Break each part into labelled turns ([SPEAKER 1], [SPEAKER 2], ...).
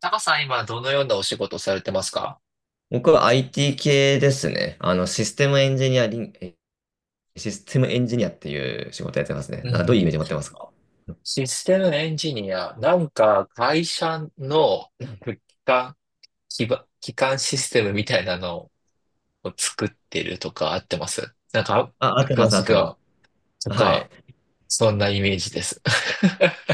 [SPEAKER 1] タカさん、今どのようなお仕事をされてますか？
[SPEAKER 2] 僕は IT 系ですね。システムエンジニアっていう仕事やってますね。
[SPEAKER 1] うん
[SPEAKER 2] な
[SPEAKER 1] う
[SPEAKER 2] んかどういうイ
[SPEAKER 1] ん、
[SPEAKER 2] メージ持ってますか？
[SPEAKER 1] システムエンジニア、会社の機関、基盤基幹システムみたいなのを作ってるとかあってます。なんか、
[SPEAKER 2] あ、合ってま
[SPEAKER 1] 詳
[SPEAKER 2] す、合
[SPEAKER 1] し
[SPEAKER 2] っ
[SPEAKER 1] く
[SPEAKER 2] てます。
[SPEAKER 1] は、と
[SPEAKER 2] は
[SPEAKER 1] か、
[SPEAKER 2] い。
[SPEAKER 1] そんなイメージです。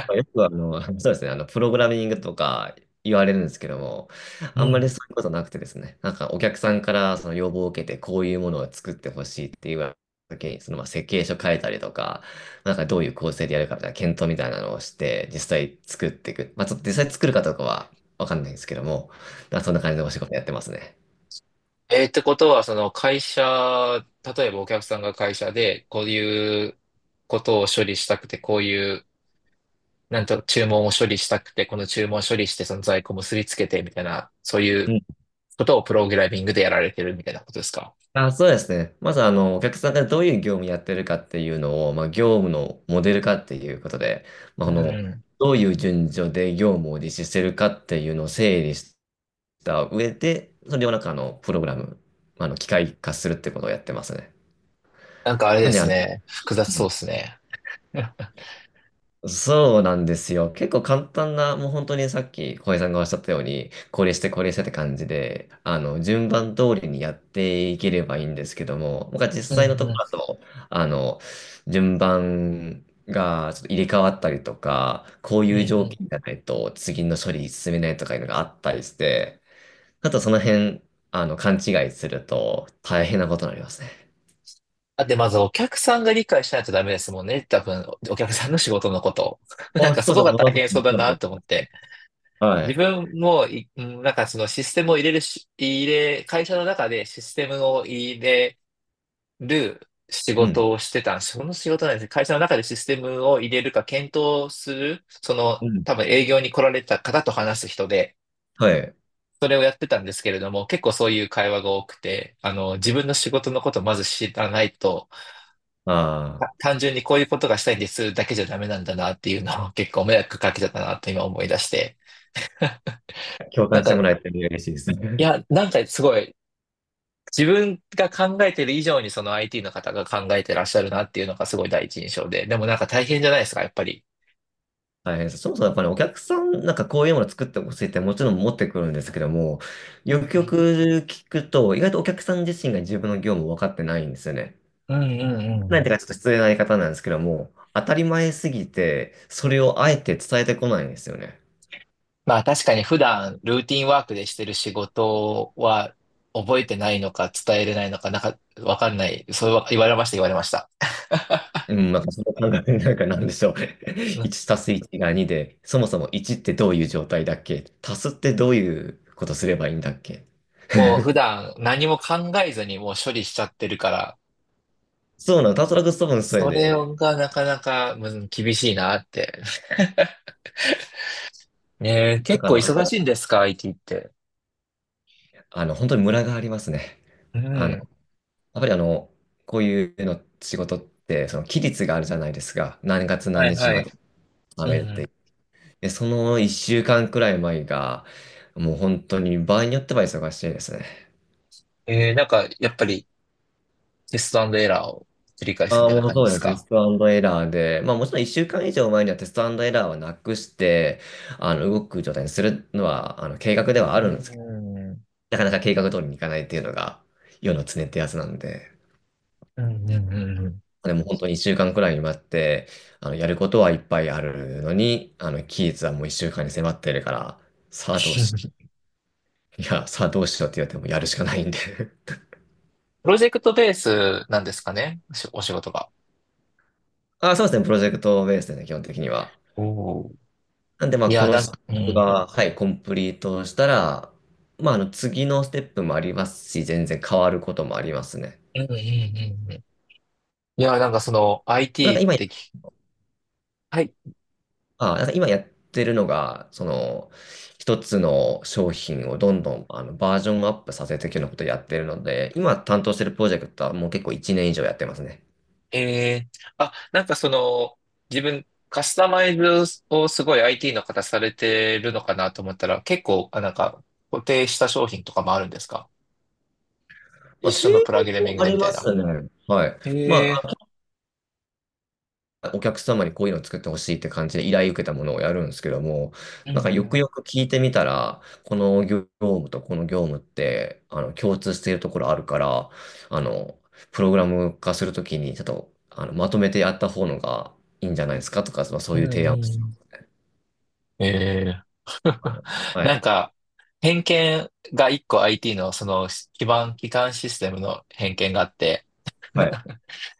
[SPEAKER 2] まあよくそうですね、プログラミングとか言われるんですけども、
[SPEAKER 1] う
[SPEAKER 2] あんまり
[SPEAKER 1] ん。
[SPEAKER 2] そういうことなくてですね、なんかお客さんからその要望を受けて、こういうものを作ってほしいって言われた時に、そのまあ設計書書いたりとか、なんかどういう構成でやるかみたいな検討みたいなのをして、実際作っていく。まあちょっと実際作るかどうかはわかんないんですけども、まあそんな感じでお仕事やってますね。
[SPEAKER 1] えーってことは、その会社、例えばお客さんが会社で、こういうことを処理したくて、こういうなんと注文を処理したくて、この注文を処理して、その在庫結びつけてみたいな、そうい
[SPEAKER 2] う
[SPEAKER 1] う
[SPEAKER 2] ん、
[SPEAKER 1] ことをプログラミングでやられてるみたいなことですか？
[SPEAKER 2] あ、そうですね。まず、お客さんがどういう業務やってるかっていうのを、まあ、業務のモデル化っていうことで、まあ、
[SPEAKER 1] う
[SPEAKER 2] あの、
[SPEAKER 1] ん。
[SPEAKER 2] どういう順序で業務を実施してるかっていうのを整理した上で、それをなんか、プログラム、まあの、機械化するってことをやってますね。
[SPEAKER 1] なんかあれ
[SPEAKER 2] な
[SPEAKER 1] で
[SPEAKER 2] んで、
[SPEAKER 1] す
[SPEAKER 2] あの、
[SPEAKER 1] ね。複雑そうですね。
[SPEAKER 2] そうなんですよ。結構簡単な、もう本当にさっき小林さんがおっしゃったように、これしてこれしてって感じで、順番通りにやっていければいいんですけども、僕は実
[SPEAKER 1] う
[SPEAKER 2] 際の
[SPEAKER 1] ん
[SPEAKER 2] とこ
[SPEAKER 1] う
[SPEAKER 2] ろだと、あの、順番がちょっと入れ替わったりとか、こう
[SPEAKER 1] ん。う
[SPEAKER 2] いう
[SPEAKER 1] んう
[SPEAKER 2] 条件
[SPEAKER 1] ん。
[SPEAKER 2] じゃないと次の処理進めないとかいうのがあったりして、あとその辺、勘違いすると大変なことになりますね。
[SPEAKER 1] だってまずお客さんが理解しないとダメですもんね。多分、お客さんの仕事のことを。なん
[SPEAKER 2] あ、
[SPEAKER 1] か
[SPEAKER 2] そ
[SPEAKER 1] そ
[SPEAKER 2] う
[SPEAKER 1] こ
[SPEAKER 2] ですう、
[SPEAKER 1] が
[SPEAKER 2] そ
[SPEAKER 1] 大
[SPEAKER 2] う、
[SPEAKER 1] 変そうだ
[SPEAKER 2] そ
[SPEAKER 1] な
[SPEAKER 2] う、
[SPEAKER 1] と思って。
[SPEAKER 2] は
[SPEAKER 1] 自
[SPEAKER 2] い。
[SPEAKER 1] 分もい、うんなんかそのシステムを入れるし、入れ、会社の中でシステムを入れ、る仕
[SPEAKER 2] う
[SPEAKER 1] 事
[SPEAKER 2] ん。
[SPEAKER 1] をしてたんです。その仕事なんですね。会社の中でシステムを入れるか検討する、その
[SPEAKER 2] うん。
[SPEAKER 1] 多分営業に来られた方と話す人で、
[SPEAKER 2] はい。
[SPEAKER 1] それをやってたんですけれども、結構そういう会話が多くて、あの、自分の仕事のことをまず知らないと、
[SPEAKER 2] あ
[SPEAKER 1] た
[SPEAKER 2] あ。
[SPEAKER 1] 単純にこういうことがしたいんですだけじゃダメなんだなっていうのを 結構迷惑かけちゃったなと今思い出して。
[SPEAKER 2] 共
[SPEAKER 1] なん
[SPEAKER 2] 感して
[SPEAKER 1] か、
[SPEAKER 2] もらえて嬉しいです
[SPEAKER 1] い
[SPEAKER 2] ね。
[SPEAKER 1] や、なんかすごい、自分が考えてる以上にその IT の方が考えてらっしゃるなっていうのがすごい第一印象で、でもなんか大変じゃないですか、やっぱり。
[SPEAKER 2] 大変です。そもそもやっぱりお客さん、なんかこういうものを作ってほしいってもちろん持ってくるんですけども、
[SPEAKER 1] う
[SPEAKER 2] よくよ
[SPEAKER 1] ん
[SPEAKER 2] く聞くと、意外とお客さん自身が自分の業務を分かってないんですよね。
[SPEAKER 1] うんうんうんう
[SPEAKER 2] なんて
[SPEAKER 1] ん。
[SPEAKER 2] いうかちょっと失礼な言い方なんですけども、当たり前すぎて、それをあえて伝えてこないんですよね。
[SPEAKER 1] まあ確かに普段ルーティンワークでしてる仕事は覚えてないのか伝えれないのか、なんかわかんない。そうは言われました、言われました。
[SPEAKER 2] うん、なんかその感覚になんかなんでしょう。
[SPEAKER 1] う ん。
[SPEAKER 2] 1たす1が2で、そもそも1ってどういう状態だっけ、足すってどういうことすればいいんだっけ。
[SPEAKER 1] もう普段何も考えずにもう処理しちゃってるから、
[SPEAKER 2] そうなの、たすらく多分それ
[SPEAKER 1] それ
[SPEAKER 2] で、
[SPEAKER 1] がなかなかうん厳しいなって。ねえ、
[SPEAKER 2] なん
[SPEAKER 1] 結
[SPEAKER 2] かあ
[SPEAKER 1] 構忙
[SPEAKER 2] の、
[SPEAKER 1] しいんですか？ IT って。
[SPEAKER 2] 本当にムラがありますね。
[SPEAKER 1] う
[SPEAKER 2] あの、や
[SPEAKER 1] ん。
[SPEAKER 2] っぱりあの、こういうの仕事って、その期日があるじゃないですか。何月
[SPEAKER 1] は
[SPEAKER 2] 何
[SPEAKER 1] い
[SPEAKER 2] 日
[SPEAKER 1] は
[SPEAKER 2] ま
[SPEAKER 1] い。
[SPEAKER 2] で食
[SPEAKER 1] うん
[SPEAKER 2] べるっ
[SPEAKER 1] うん。
[SPEAKER 2] て。で、その1週間くらい前が、もう本当に場合によっては忙しいですね。
[SPEAKER 1] えー、なんかやっぱりテストエラーを繰り返すみ
[SPEAKER 2] ああ、
[SPEAKER 1] たいな
[SPEAKER 2] もう
[SPEAKER 1] 感じ
[SPEAKER 2] そ
[SPEAKER 1] で
[SPEAKER 2] う
[SPEAKER 1] す
[SPEAKER 2] ですね。テス
[SPEAKER 1] か？
[SPEAKER 2] トエラーで、まあもちろん1週間以上前にはテストエラーはなくして、動く状態にするのは、計画では
[SPEAKER 1] う
[SPEAKER 2] あるんですけど、
[SPEAKER 1] ん。
[SPEAKER 2] なかなか計画通りにいかないっていうのが、世の常ってやつなんで。
[SPEAKER 1] うんうんうんうん。
[SPEAKER 2] でも本当に1週間くらいに待って、やることはいっぱいあるのに、期日はもう1週間に迫ってるから、さあどうし、いや、さあどうしようって言われてもやるしかないんで。
[SPEAKER 1] プロジェクトベースなんですかねしお仕事が。
[SPEAKER 2] あ、そうですね、プロジェクトベースでね、基本的には。
[SPEAKER 1] おー。
[SPEAKER 2] なんで、まあ、
[SPEAKER 1] い
[SPEAKER 2] こ
[SPEAKER 1] や、
[SPEAKER 2] の
[SPEAKER 1] な
[SPEAKER 2] ス
[SPEAKER 1] ん
[SPEAKER 2] テッ
[SPEAKER 1] か、うん。う
[SPEAKER 2] プ
[SPEAKER 1] ん
[SPEAKER 2] が、はい、コンプリートしたら、次のステップもありますし、全然変わることもありますね。
[SPEAKER 1] うんうんうん。いや、なんかその
[SPEAKER 2] なんか
[SPEAKER 1] IT っ
[SPEAKER 2] 今
[SPEAKER 1] てき、はい。
[SPEAKER 2] あ、なんか今やってるのが、その、一つの商品をどんどんあのバージョンアップさせていくようなことをやってるので、今担当してるプロジェクトはもう結構1年以上やってますね。
[SPEAKER 1] えー、あ、なんかその、自分、カスタマイズをすごい IT の方されてるのかなと思ったら、結構、あ、なんか、固定した商品とかもあるんですか？
[SPEAKER 2] ま
[SPEAKER 1] 一
[SPEAKER 2] あ、定
[SPEAKER 1] 緒のプログラミン
[SPEAKER 2] 額
[SPEAKER 1] グ
[SPEAKER 2] もあ
[SPEAKER 1] で
[SPEAKER 2] り
[SPEAKER 1] み
[SPEAKER 2] ま
[SPEAKER 1] たいな。
[SPEAKER 2] すね。はい。ま
[SPEAKER 1] え
[SPEAKER 2] お客様にこういうのを作ってほしいって感じで依頼受けたものをやるんですけども、
[SPEAKER 1] ー、う
[SPEAKER 2] なんか
[SPEAKER 1] ん
[SPEAKER 2] よ
[SPEAKER 1] う
[SPEAKER 2] く
[SPEAKER 1] ん。
[SPEAKER 2] よく聞いてみたら、この業務とこの業務って、共通しているところあるから、あの、プログラム化するときに、ちょっと、まとめてやった方のがいいんじゃないですかとか、まあ、そ
[SPEAKER 1] う
[SPEAKER 2] う
[SPEAKER 1] ん
[SPEAKER 2] いう提
[SPEAKER 1] う
[SPEAKER 2] 案をし
[SPEAKER 1] ん。えー。
[SPEAKER 2] た の。は
[SPEAKER 1] なん
[SPEAKER 2] い。
[SPEAKER 1] か、偏見が一個 IT のその基盤、基幹システムの偏見があって、
[SPEAKER 2] はい。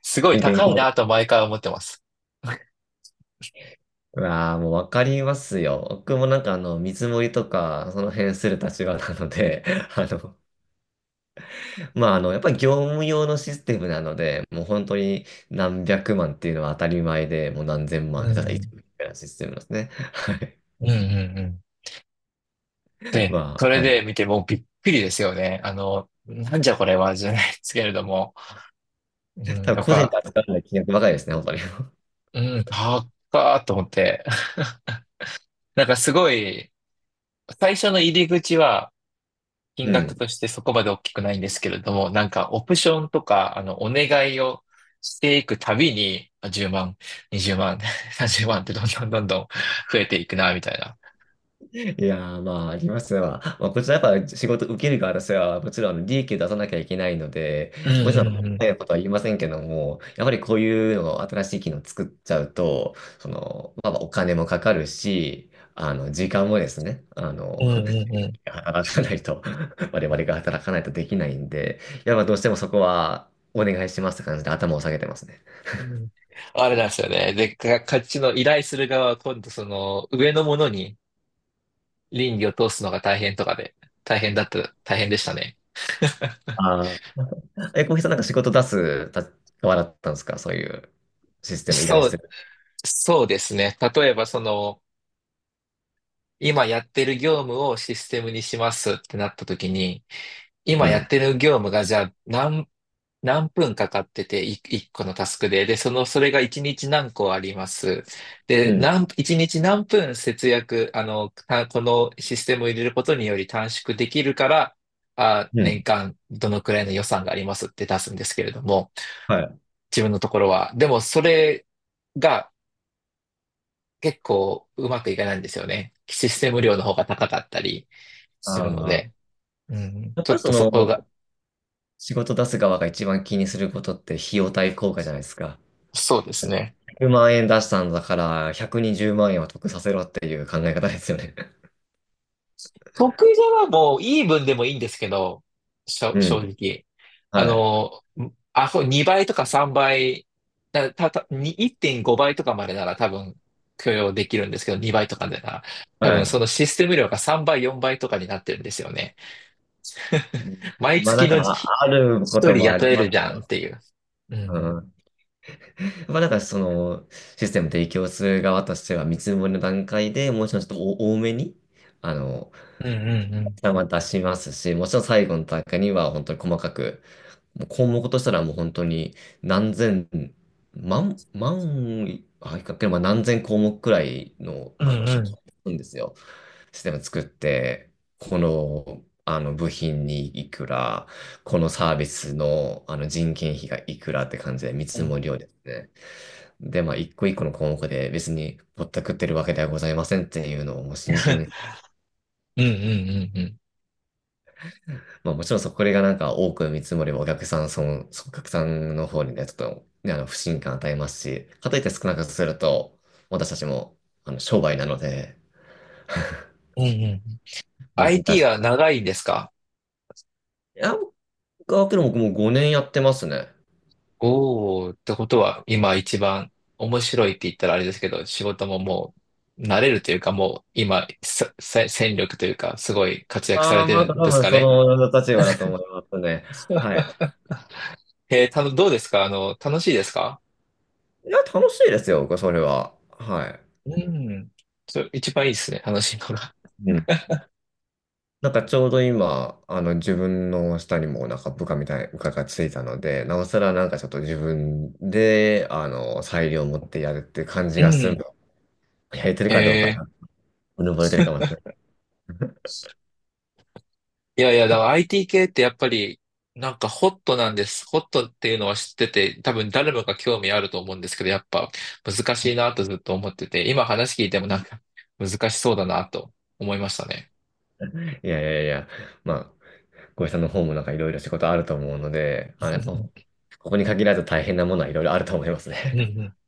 [SPEAKER 1] すごい
[SPEAKER 2] ご意見
[SPEAKER 1] 高
[SPEAKER 2] ど
[SPEAKER 1] い
[SPEAKER 2] うぞ。
[SPEAKER 1] なと毎回思ってます。
[SPEAKER 2] うわあ、もうわかりますよ。僕もなんかあの、見積もりとか、その辺する立場なので、あの、やっぱり業務用のシステムなので、もう本当に何百万っていうのは当たり前で、もう何千
[SPEAKER 1] う
[SPEAKER 2] 万、
[SPEAKER 1] ん
[SPEAKER 2] ただ
[SPEAKER 1] う
[SPEAKER 2] 一
[SPEAKER 1] ん
[SPEAKER 2] 部みたいなシステムなんですね。はい。
[SPEAKER 1] うんうんうん。で、
[SPEAKER 2] ま
[SPEAKER 1] そ
[SPEAKER 2] あ、
[SPEAKER 1] れ
[SPEAKER 2] なん
[SPEAKER 1] で見てもうびっくりですよね。あの、なんじゃこれはじゃないですけれども、うん、
[SPEAKER 2] 多分
[SPEAKER 1] やっ
[SPEAKER 2] 個人で
[SPEAKER 1] ぱ、
[SPEAKER 2] 扱わない金額ばかりですね、本当に。
[SPEAKER 1] うん、高っと思って。なんかすごい、最初の入り口は、金
[SPEAKER 2] う
[SPEAKER 1] 額
[SPEAKER 2] ん。
[SPEAKER 1] としてそこまで大きくないんですけれども、なんかオプションとか、あの、お願いをしていくたびに、あ10万、20万、30万ってどんどんどんどん増えていくな、みたいな。
[SPEAKER 2] いやー、まあ、ありますわ。まあ、こちらやっぱ仕事受ける側としては、もちろんあの利益を出さなきゃいけないので、
[SPEAKER 1] うんう
[SPEAKER 2] もちろん、
[SPEAKER 1] んうん。
[SPEAKER 2] 早いことは言いませんけども、やっぱりこういうのを新しい機能作っちゃうと、その、まあ、お金もかかるし、時間もですね、
[SPEAKER 1] うんうんうん。
[SPEAKER 2] 働かないと、我々が働かないとできないんで、やっぱどうしてもそこはお願いしますって感じで頭を下げてますね。
[SPEAKER 1] うん。あれなんですよね。で、か、こっちの依頼する側は今度その上のものに倫理を通すのが大変とかで、大変だった、大変でしたね。
[SPEAKER 2] ああ。え、小平さんなんか仕事出すた側だったんですか、そういうシステム依頼
[SPEAKER 1] そ
[SPEAKER 2] す
[SPEAKER 1] う、
[SPEAKER 2] る。
[SPEAKER 1] そうですね。例えばその、今やってる業務をシステムにしますってなった時に、
[SPEAKER 2] う
[SPEAKER 1] 今や
[SPEAKER 2] ん。
[SPEAKER 1] ってる業務がじゃあ何、何分かかってて、い一個のタスクで、で、その、それが一日何個あります。で、
[SPEAKER 2] うん
[SPEAKER 1] 何、一日何分節約、あの、たこのシステムを入れることにより短縮できるから、あ、
[SPEAKER 2] う
[SPEAKER 1] 年
[SPEAKER 2] ん。
[SPEAKER 1] 間どのくらいの予算がありますって出すんですけれども、
[SPEAKER 2] はい。
[SPEAKER 1] 自分のところは。でも、それが結構うまくいかないんですよね。システム量の方が高かったり
[SPEAKER 2] あ
[SPEAKER 1] するの
[SPEAKER 2] あ。
[SPEAKER 1] で、うん、
[SPEAKER 2] やっ
[SPEAKER 1] ちょ
[SPEAKER 2] ぱり
[SPEAKER 1] っ
[SPEAKER 2] そ
[SPEAKER 1] とそこが、
[SPEAKER 2] の、仕事出す側が一番気にすることって費用対効果じゃないですか。
[SPEAKER 1] そうですね。
[SPEAKER 2] 100万円出したんだから、120万円は得させろっていう考え方ですよね。
[SPEAKER 1] 得意じゃはもうイーブンでもいいんですけど、しょ
[SPEAKER 2] う
[SPEAKER 1] 正
[SPEAKER 2] ん。
[SPEAKER 1] 直。あ
[SPEAKER 2] はい。
[SPEAKER 1] の、あ、そう2倍とか3倍、だた、た、に1.5倍とかまでなら多分許容できるんですけど、2倍とかでなら、多
[SPEAKER 2] は
[SPEAKER 1] 分そ
[SPEAKER 2] い。
[SPEAKER 1] のシステム量が3倍、4倍とかになってるんですよね。毎
[SPEAKER 2] まあな
[SPEAKER 1] 月
[SPEAKER 2] んか、
[SPEAKER 1] のじひ
[SPEAKER 2] ああるこ
[SPEAKER 1] 一
[SPEAKER 2] と
[SPEAKER 1] 人
[SPEAKER 2] もあ
[SPEAKER 1] 雇
[SPEAKER 2] り
[SPEAKER 1] え
[SPEAKER 2] ま
[SPEAKER 1] るじゃ
[SPEAKER 2] す。
[SPEAKER 1] んっていう。う
[SPEAKER 2] う
[SPEAKER 1] ん
[SPEAKER 2] ん。まあなんかその、システム提供する側としては、見積もりの段階でもちろんちょっとお多めに、あの、
[SPEAKER 1] うんうんうん。
[SPEAKER 2] ま出しますし、もちろん最後の段階には本当に細かく、もう項目としたらもう本当に何千、万、万、あ、いかけ、まあ、何千項目くらいの、
[SPEAKER 1] うん
[SPEAKER 2] あの、
[SPEAKER 1] う
[SPEAKER 2] シ
[SPEAKER 1] ん
[SPEAKER 2] ョんですよ。システム作って、この、あの部品にいくら、このサービスの、あの人件費がいくらって感じで見
[SPEAKER 1] うん。う
[SPEAKER 2] 積
[SPEAKER 1] ん。
[SPEAKER 2] もりをですね。で、まあ、一個一個の項目で別にぼったくってるわけではございませんっていうのをもう真剣に。
[SPEAKER 1] うんうんうん。
[SPEAKER 2] まあもちろんそこがなんか多く見積もりばお客さん、お客さんの方にね、ちょっと、ね、不信感与えますし、かといって少なくすると、私たちも、商売なので、
[SPEAKER 1] うんうんうんうんうんうんうんうん。
[SPEAKER 2] 難し
[SPEAKER 1] IT は
[SPEAKER 2] い。
[SPEAKER 1] 長いんですか？
[SPEAKER 2] いや、僕はもう5年やってますね。
[SPEAKER 1] おーってことは、今一番面白いって言ったらあれですけど、仕事ももう慣れるというか、もう今、ささ戦力というか、すごい活躍さ
[SPEAKER 2] あ
[SPEAKER 1] れ
[SPEAKER 2] あ、
[SPEAKER 1] て
[SPEAKER 2] まあ
[SPEAKER 1] る
[SPEAKER 2] 多
[SPEAKER 1] んです
[SPEAKER 2] 分
[SPEAKER 1] か
[SPEAKER 2] そ
[SPEAKER 1] ね。
[SPEAKER 2] の立場だと思いますね。はい。
[SPEAKER 1] えー、たの、どうですかあの、楽しいですか？
[SPEAKER 2] いや、楽しいですよ、僕はそれは。はい。
[SPEAKER 1] うん。そ、一番いいですね、楽しいのが。
[SPEAKER 2] うん、なんかちょうど今、あの自分の下にもなんか部下がついたので、なおさらなんかちょっと自分で、裁量を持ってやるって感じ
[SPEAKER 1] う
[SPEAKER 2] がする
[SPEAKER 1] ん。
[SPEAKER 2] の。やれてる
[SPEAKER 1] え
[SPEAKER 2] かどうか
[SPEAKER 1] ー。
[SPEAKER 2] な、うぬぼれてるかもしれない。
[SPEAKER 1] いやいや、だから IT 系ってやっぱり、なんかホットなんです。ホットっていうのは知ってて、多分誰もが興味あると思うんですけど、やっぱ難しいなとずっと思ってて、今話聞いてもなんか 難しそうだなと思いましたね。
[SPEAKER 2] いやいやいや、まあ、ごさんの方もなんかいろいろ仕事あると思うので、やっぱ、ここに限らず大変なものはいろいろあると思いますね。